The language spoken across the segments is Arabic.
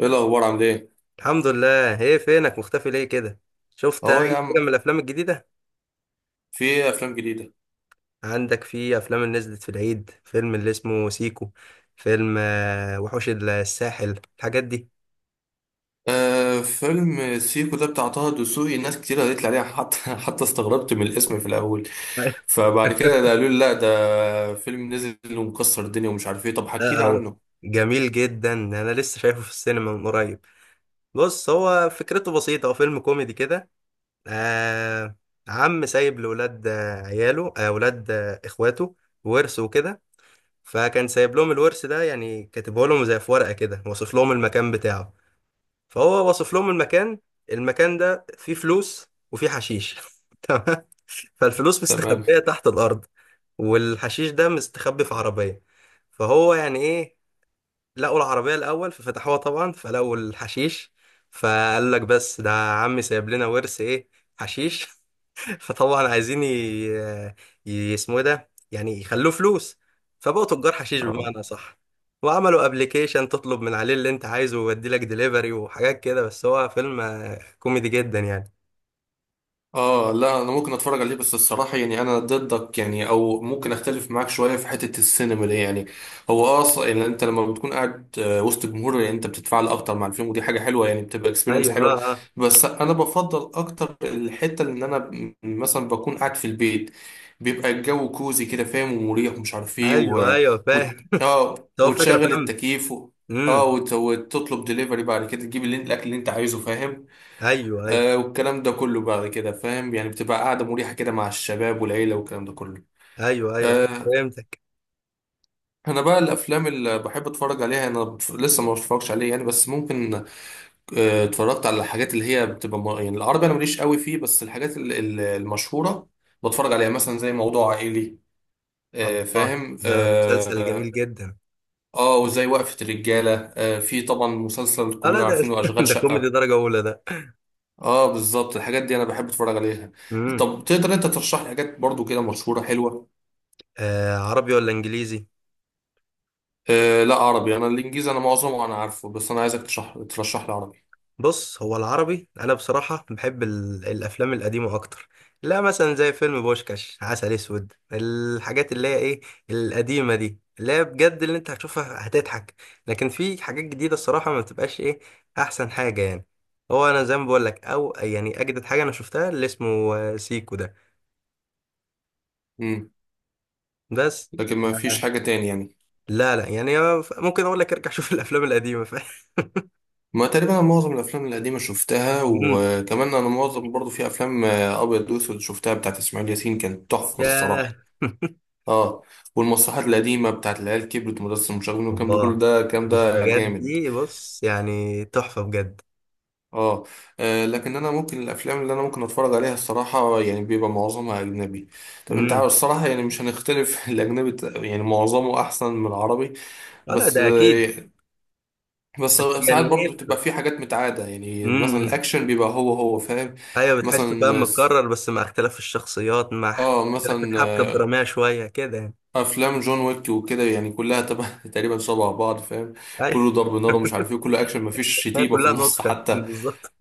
ايه الاخبار عامل ايه؟ الحمد لله. ايه فينك مختفي ليه كده؟ شفت اي اهو يا فيلم من عم. الافلام الجديده؟ في ايه افلام جديده؟ عندك في افلام اللي نزلت في العيد، فيلم اللي اسمه سيكو، فيلم وحوش الساحل، الحاجات دي. آه، فيلم سيكو ده بتاع طه دسوقي، ناس كتير قالت لي عليه حتى حتى استغربت من الاسم في الاول. فبعد كده ده قالوا لي لا، ده فيلم نزل ومكسر الدنيا ومش عارف ايه. طب حكي لا، لي هو عنه. جميل جدا، انا لسه شايفه في السينما من قريب. بص، هو فكرته بسيطه، هو فيلم كوميدي كده. آه. عم سايب لاولاد، عياله، اولاد، اخواته، ورث وكده. فكان سايب لهم الورث ده، يعني كاتبه لهم زي في ورقه كده، واصف لهم المكان بتاعه. فهو واصف لهم المكان ده، فيه فلوس وفيه حشيش. تمام. فالفلوس تمام. مستخبية تحت الأرض، والحشيش ده مستخبي في عربية. فهو يعني إيه؟ لقوا العربية الأول ففتحوها طبعا، فلقوا الحشيش. فقال لك بس ده عمي سايب لنا ورث إيه؟ حشيش! فطبعا عايزين اسمه إيه ده، يعني يخلوه فلوس. فبقوا تجار حشيش بمعنى صح. وعملوا ابلكيشن تطلب من عليه اللي انت عايزه ويودي لك دليفري وحاجات كده. بس هو فيلم كوميدي جدا يعني. اه لا، انا ممكن اتفرج عليه، بس الصراحه يعني انا ضدك، يعني او ممكن اختلف معاك شويه في حته السينما دي يعني. هو يعني انت لما بتكون قاعد وسط جمهور، يعني انت بتتفاعل اكتر مع الفيلم، ودي حاجه حلوه يعني، بتبقى اكسبيرينس ايوه، اه، حلوه. اه. بس انا بفضل اكتر الحته اللي انا مثلا بكون قاعد في البيت، بيبقى الجو كوزي كده، فاهم؟ ومريح ومش عارف ايه ايوه، و... ايوه، وت... فاهم. اه ده هو فكره، وتشغل فاهم. التكييف، امم. وتطلب ديليفري، بعد كده تجيب الاكل اللي انت عايزه، فاهم؟ ايوه، ايوه. آه، والكلام ده كله بعد كده، فاهم؟ يعني بتبقى قاعدة مريحة كده مع الشباب والعيلة والكلام ده كله. ايوه، ايوه، صح، آه. فهمتك. أنا بقى الأفلام اللي بحب أتفرج عليها، أنا لسه ما بتفرجش عليه يعني، بس ممكن. آه، اتفرجت على الحاجات اللي هي بتبقى يعني العربي أنا ماليش قوي فيه، بس الحاجات المشهورة بتفرج عليها، مثلا زي موضوع عائلي. آه الله، فاهم. ده مسلسل آه. جميل جدا. آه، وزي وقفة الرجالة، آه، في طبعا مسلسل اه، لا، كلنا ده. عارفينه، أشغال ده كوميدي شقة. درجه اولى ده. اه بالظبط، الحاجات دي انا بحب اتفرج عليها. امم. طب تقدر انت ترشح لي حاجات برضو كده مشهوره حلوه؟ آه، عربي ولا انجليزي؟ آه لا عربي، انا الانجليزي انا معظمه انا عارفه، بس انا عايزك ترشح لي عربي. بص، هو العربي، انا بصراحه بحب الافلام القديمه اكتر. لا، مثلا زي فيلم بوشكاش، عسل اسود، الحاجات اللي هي ايه، القديمه دي، اللي هي بجد اللي انت هتشوفها هتضحك. لكن في حاجات جديده، الصراحه ما بتبقاش ايه احسن حاجه يعني. هو انا زي ما بقول لك، او يعني اجدد حاجه انا شفتها اللي اسمه سيكو ده. امم. بس. لكن ما فيش آه، حاجه تاني يعني؟ لا، لا، يعني ممكن اقول لك ارجع شوف الافلام القديمه ما تقريبا انا معظم الافلام القديمه شفتها، مم. وكمان انا معظم برضو في افلام ابيض واسود شفتها بتاعت اسماعيل ياسين، كانت تحفه الصراحه. ياه. اه. والمسرحيات القديمه بتاعت العيال كبرت، مدرسه المشاغبين والكلام ده كله، الله، ده الكلام ده الحاجات جامد. دي بص يعني تحفة بجد. اه. آه، لكن انا ممكن الافلام اللي انا ممكن اتفرج عليها الصراحه يعني بيبقى معظمها اجنبي. طب انت عارف امم. الصراحه يعني مش هنختلف، الاجنبي يعني معظمه احسن من العربي. آه، لا بس ده اكيد. آه. بس بس يعني ساعات برضو بتبقى ايه. في حاجات متعاده يعني، مثلا امم. الاكشن بيبقى هو هو، فاهم؟ ايوه، بتحسه فاهم، مثلا س- متكرر بس مع اختلاف الشخصيات، مع اه اختلاف مثلا الحبكة الدرامية شوية كده يعني. افلام جون ويك وكده، يعني كلها تبع تقريبا شبه بعض، فاهم؟ ايوه. كله ضرب نار ومش عارف ايه، كله اكشن، مفيش هي شتيمه في كلها النص نسخة حتى. بالظبط.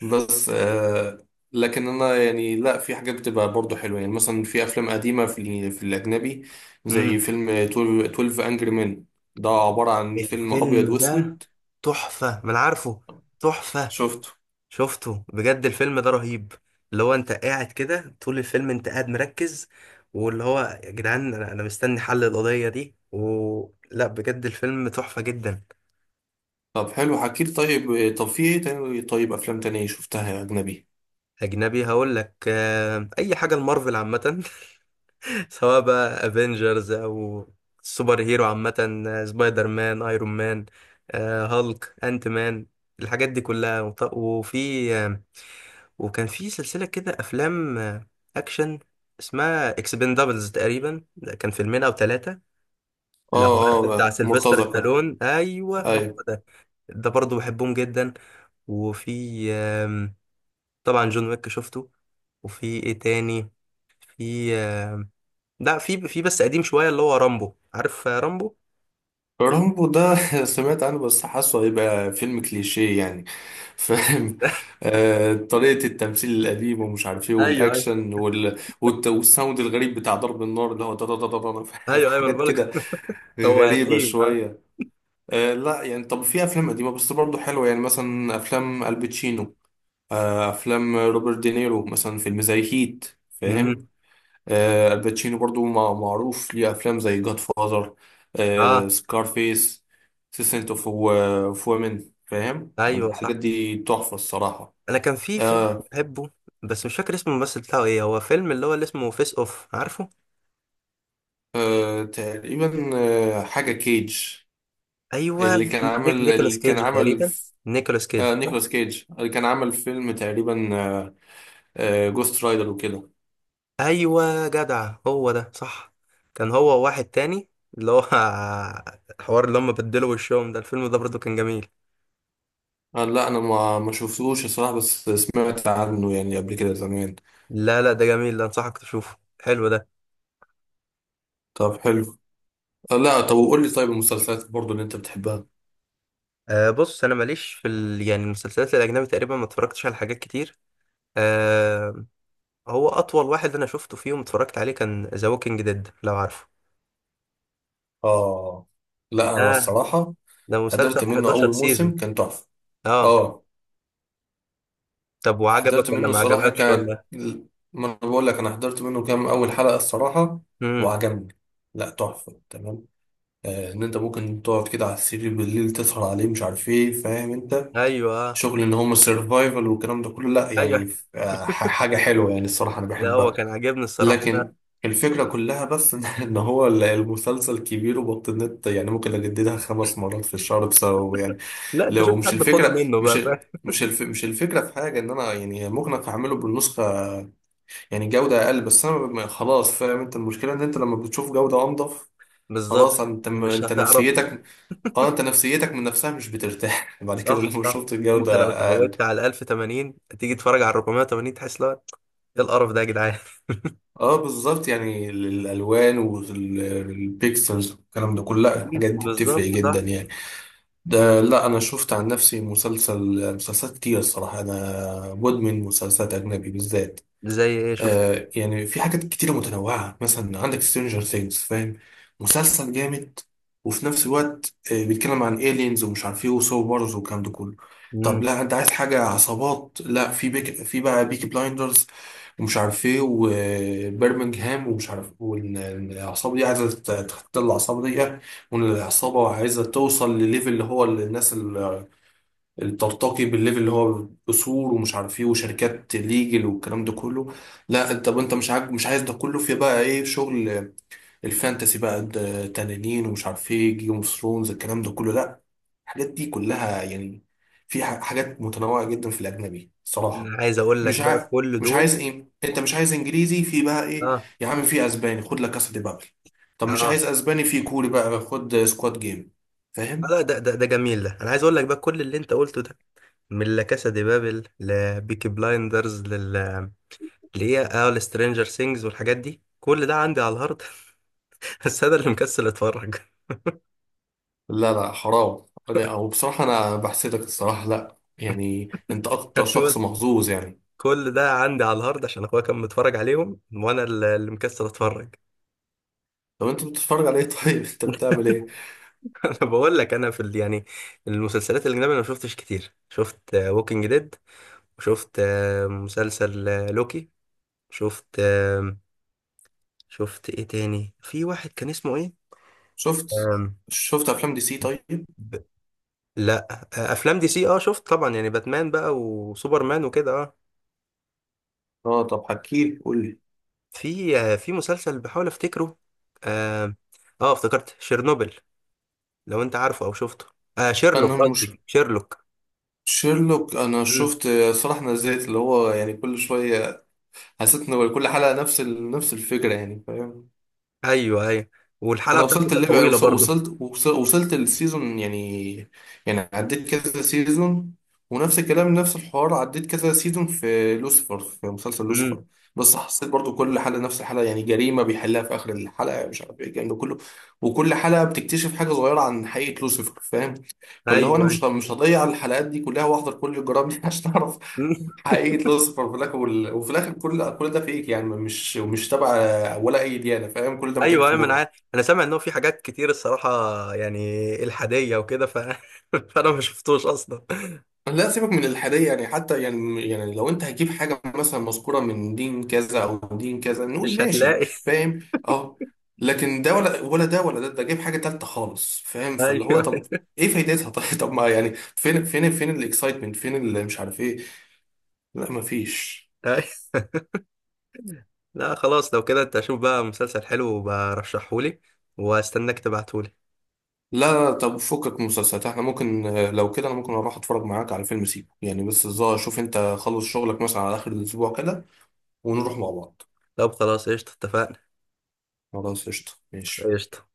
بس آه. لكن انا يعني لا، في حاجات بتبقى برضو حلوه يعني، مثلا في افلام قديمه في في الاجنبي، زي امم. فيلم 12 انجري مان، ده عباره عن فيلم ابيض الفيلم ده واسود. تحفة، ما انا عارفه. تحفة. شفته. شفته بجد، الفيلم ده رهيب. اللي هو انت قاعد كده طول الفيلم، انت قاعد مركز. واللي هو يا جدعان، انا مستني حل القضية دي. و لا، بجد الفيلم تحفة جدا. طب حلو، حكيت طيب. طب في ايه تاني؟ طيب افلام تانية شفتها يا اجنبي؟ اجنبي، هقول لك اي حاجة. المارفل عامة. سواء بقى افنجرز او سوبر هيرو عامة، سبايدر مان، ايرون مان، هالك، انت مان، الحاجات دي كلها. وفي آه، وكان في سلسلة كده افلام اكشن اسمها اكسبندابلز. تقريبا ده كان فيلمين او ثلاثة. اه لو عرفت بتاع اه سيلفستر مرتزقه. ستالون. ايوه، هو أيوة. ده. ده برضه بحبهم جدا. وفي طبعا جون ويك شفته. وفي ايه تاني؟ في، لا، في بس قديم شويه اللي هو رامبو. عارف رامبو؟ رامبو ده سمعت عنه، بس حاسه هيبقى فيلم كليشيه يعني، فاهم. آه، طريقة التمثيل القديم ومش عارف ايه، ايوه، ايوه. والاكشن والساوند الغريب بتاع ضرب النار، اللي هو دا دا دا دا دا، فاهم؟ ايوه، ايوه، انا حاجات بقول لك. كده هو غريبة قديم، آه. شوية. آه لا يعني، طب في افلام قديمة بس برضه حلوة يعني، مثلا افلام الباتشينو، آه افلام روبرت دينيرو، مثلا فيلم زي هيت، فاهم؟ امم. آه، الباتشينو برضو معروف ليه افلام زي جاد فازر، اه، سكارفيس، سيسنت اوف وومن، فاهم؟ ايوه، الحاجات صح. دي تحفه الصراحه. انا كان في فيلم آه. بحبه، بس مش فاكر اسمه، الممثل بتاعه ايه. هو فيلم اللي هو اللي اسمه فيس اوف، عارفه؟ آه تقريبا. آه حاجه كيج، ايوه، اللي كان عامل نيكولاس اللي كان كيدج عامل تقريبا. ف- نيكولاس كيدج آه صح؟ نيكولاس كيج، اللي كان عامل فيلم تقريبا آه، آه جوست رايدر وكده. ايوه، جدع، هو ده صح. كان هو واحد تاني اللي هو الحوار اللي هم بدلوا وشهم ده، الفيلم ده برضه كان جميل. آه لا، انا ما شفتوش الصراحه، بس سمعت عنه يعني قبل كده زمان. لا، لا، ده جميل ده، انصحك تشوفه حلو ده. طب حلو. آه لا، طب وقول لي طيب المسلسلات برضو اللي انت بتحبها؟ أه، بص، انا ماليش في يعني المسلسلات الاجنبي، تقريبا ما اتفرجتش على حاجات كتير. أه. هو اطول واحد انا شفته فيهم، اتفرجت عليه، كان ذا ووكينج ديد، لو عارفه. اه لا انا ده. الصراحه. ده مسلسل حضرت منه 11 اول سيزون. موسم، كان تحفه. اه. اه. طب حضرت وعجبك ولا منه ما الصراحه عجبكش ولا؟ ما انا بقول لك، انا حضرت منه كام اول حلقه الصراحه، امم. وعجبني. لا تحفه تمام. آه، ان انت ممكن تقعد كده على السرير بالليل تسهر عليه، مش عارف ايه، فاهم انت؟ ايوه، شغل ان هم السرفايفل والكلام ده كله، لا ايوه. يعني. آه، حاجه حلوه يعني الصراحه، انا لا، هو بحبها. كان عاجبني الصراحه، لا. لكن الفكرة كلها بس، إن هو المسلسل كبير وبطلت يعني، ممكن أجددها 5 مرات في الشهر بسببه يعني. لا، انت شوف لو مش حد خده الفكرة، منه بقى، فاهم. مش الفكرة في حاجة إن أنا يعني ممكن أعمله بالنسخة، يعني جودة أقل، بس أنا خلاص، فاهم أنت؟ المشكلة إن أنت لما بتشوف جودة أنضف، بالظبط. خلاص أنت مش أنت هتعرف. نفسيتك. أه، أنت نفسيتك من نفسها مش بترتاح بعد كده صح، لما صح. شفت الجودة انت لو أقل. اتعودت على 1080 تيجي تتفرج على 480 تحس لا، ايه القرف ده يا جدعان. أه بالظبط، يعني الألوان والبيكسلز والكلام ده كله، لا الحاجات دي بتفرق بالظبط. جدا يعني. ده لا، انا شفت عن نفسي مسلسل، مسلسلات كتير الصراحه، انا مدمن مسلسلات اجنبي بالذات. زي ايه شفت؟ آه يعني في حاجات كتيرة متنوعة، مثلا عندك سترينجر ثينجز، فاهم؟ مسلسل جامد، وفي نفس الوقت آه بيتكلم عن aliens ومش عارف ايه، وسو بارز والكلام ده كله. طب مم. لا، انت عايز حاجة عصابات؟ لا، في في بقى بيكي بلايندرز، ومش عارف ايه، وبرمنجهام ومش عارف، والعصابة دي عايزة تختل العصابة دي، والعصابة عايزة توصل لليفل اللي هو الناس ترتقي بالليفل اللي هو اصول، ومش عارف ايه، وشركات ليجل والكلام ده كله. لا انت، انت مش مش عايز ده كله؟ في بقى ايه؟ شغل الفانتسي بقى، ده تنانين ومش عارف ايه، جيم اوف ثرونز، الكلام ده كله. لا الحاجات دي كلها يعني، في حاجات متنوعة جدا في الاجنبي صراحة. انا عايز اقول لك مش بقى ع... كل مش عايز دول. ايه؟ انت مش عايز انجليزي؟ في بقى ايه؟ اه، يا عم في اسباني، خد لك كاسا دي بابل. طب مش اه، عايز اسباني؟ في كوري بقى، خد سكواد جيم. آه، فاهم؟ لا، ده جميل ده، انا عايز اقول لك بقى كل اللي انت قلته ده، من لا كاسا دي بابل لبيكي بلايندرز لل ليه اه لسترينجر سينجز والحاجات دي، كل ده عندي على الهارد. بس انا اللي مكسل اتفرج. لا لا حرام لا، هو بصراحة أنا بحسدك الصراحة، لا يعني أنت أكتر شخص محظوظ يعني. كل ده عندي على الهارد عشان اخويا كان متفرج عليهم، وانا اللي مكسل اتفرج. طب أنت بتتفرج على إيه طيب؟ أنت بتعمل إيه؟ انا بقول لك، انا في يعني المسلسلات الاجنبيه انا ما شفتش كتير. شفت ووكينج ديد، وشفت مسلسل لوكي. شفت شفت ايه تاني؟ في واحد كان اسمه ايه؟ شفت. آم، شفت أفلام دي سي طيب؟ ب... لا، افلام دي سي. اه شفت طبعا، يعني باتمان بقى وسوبرمان وكده، اه. أه، طب حكيلي، قول لي. في مسلسل بحاول افتكره. اه, افتكرت شيرنوبل، لو انت عارفه او شفته. آه، شيرلوك، أنا مش. قصدي شيرلوك. شيرلوك أنا مم. شفت صراحة، نزلت اللي هو يعني كل شوية، حسيت إن كل حلقة نفس الفكرة يعني، فاهم؟ ايوه، ايوه. والحلقه انا بتاعته وصلت كانت الليفل يعني، طويله برضه. وصلت السيزون يعني، يعني عديت كذا سيزون. ونفس الكلام نفس الحوار، عديت كذا سيزون في لوسيفر، في مسلسل امم. لوسيفر. بس حسيت برضو كل حلقة نفس الحلقة يعني، جريمة بيحلها في آخر الحلقة، مش عارف ايه، الكلام ده كله. وكل حلقة بتكتشف حاجة صغيرة عن حقيقة لوسيفر، فاهم؟ فاللي هو انا ايوه، ايوه. مش هضيع الحلقات دي كلها واحضر كل الجرائم دي عشان اعرف مم. حقيقة لوسيفر في الاخر. وفي الاخر كل ده فيك يعني، مش تبع ولا اي ديانة، فاهم؟ كل ده ايوه، متألفش ايوه، ما انا مخرج. عارف. انا سامع ان هو في حاجات كتير الصراحه، يعني الحاديه وكده فانا ما شفتوش اصلا. لا سيبك من الحادية يعني حتى، يعني لو انت هتجيب حاجة مثلا مذكورة من دين كذا او دين كذا نقول مش ماشي، هتلاقي. فاهم؟ اه لكن ده ولا ده ولا ده، ده جايب حاجة تالتة خالص، فاهم؟ فاللي هو ايوه، طب ايه فايدتها؟ طب ما يعني، فين فين فين الاكسايتمنت، فين اللي مش عارف ايه؟ لا مفيش. ايوه. لا، خلاص لو كده، انت اشوف بقى مسلسل حلو وبرشحهولي، واستناك تبعتهولي. لا لا، طب فكك مسلسلات، احنا ممكن آه، لو كده انا ممكن اروح اتفرج معاك على فيلم سيكو يعني، بس الظاهر شوف انت خلص شغلك مثلا على اخر الاسبوع كده، ونروح مع بعض. طب خلاص، قشطة، اتفقنا. خلاص قشطة ماشي. قشطة.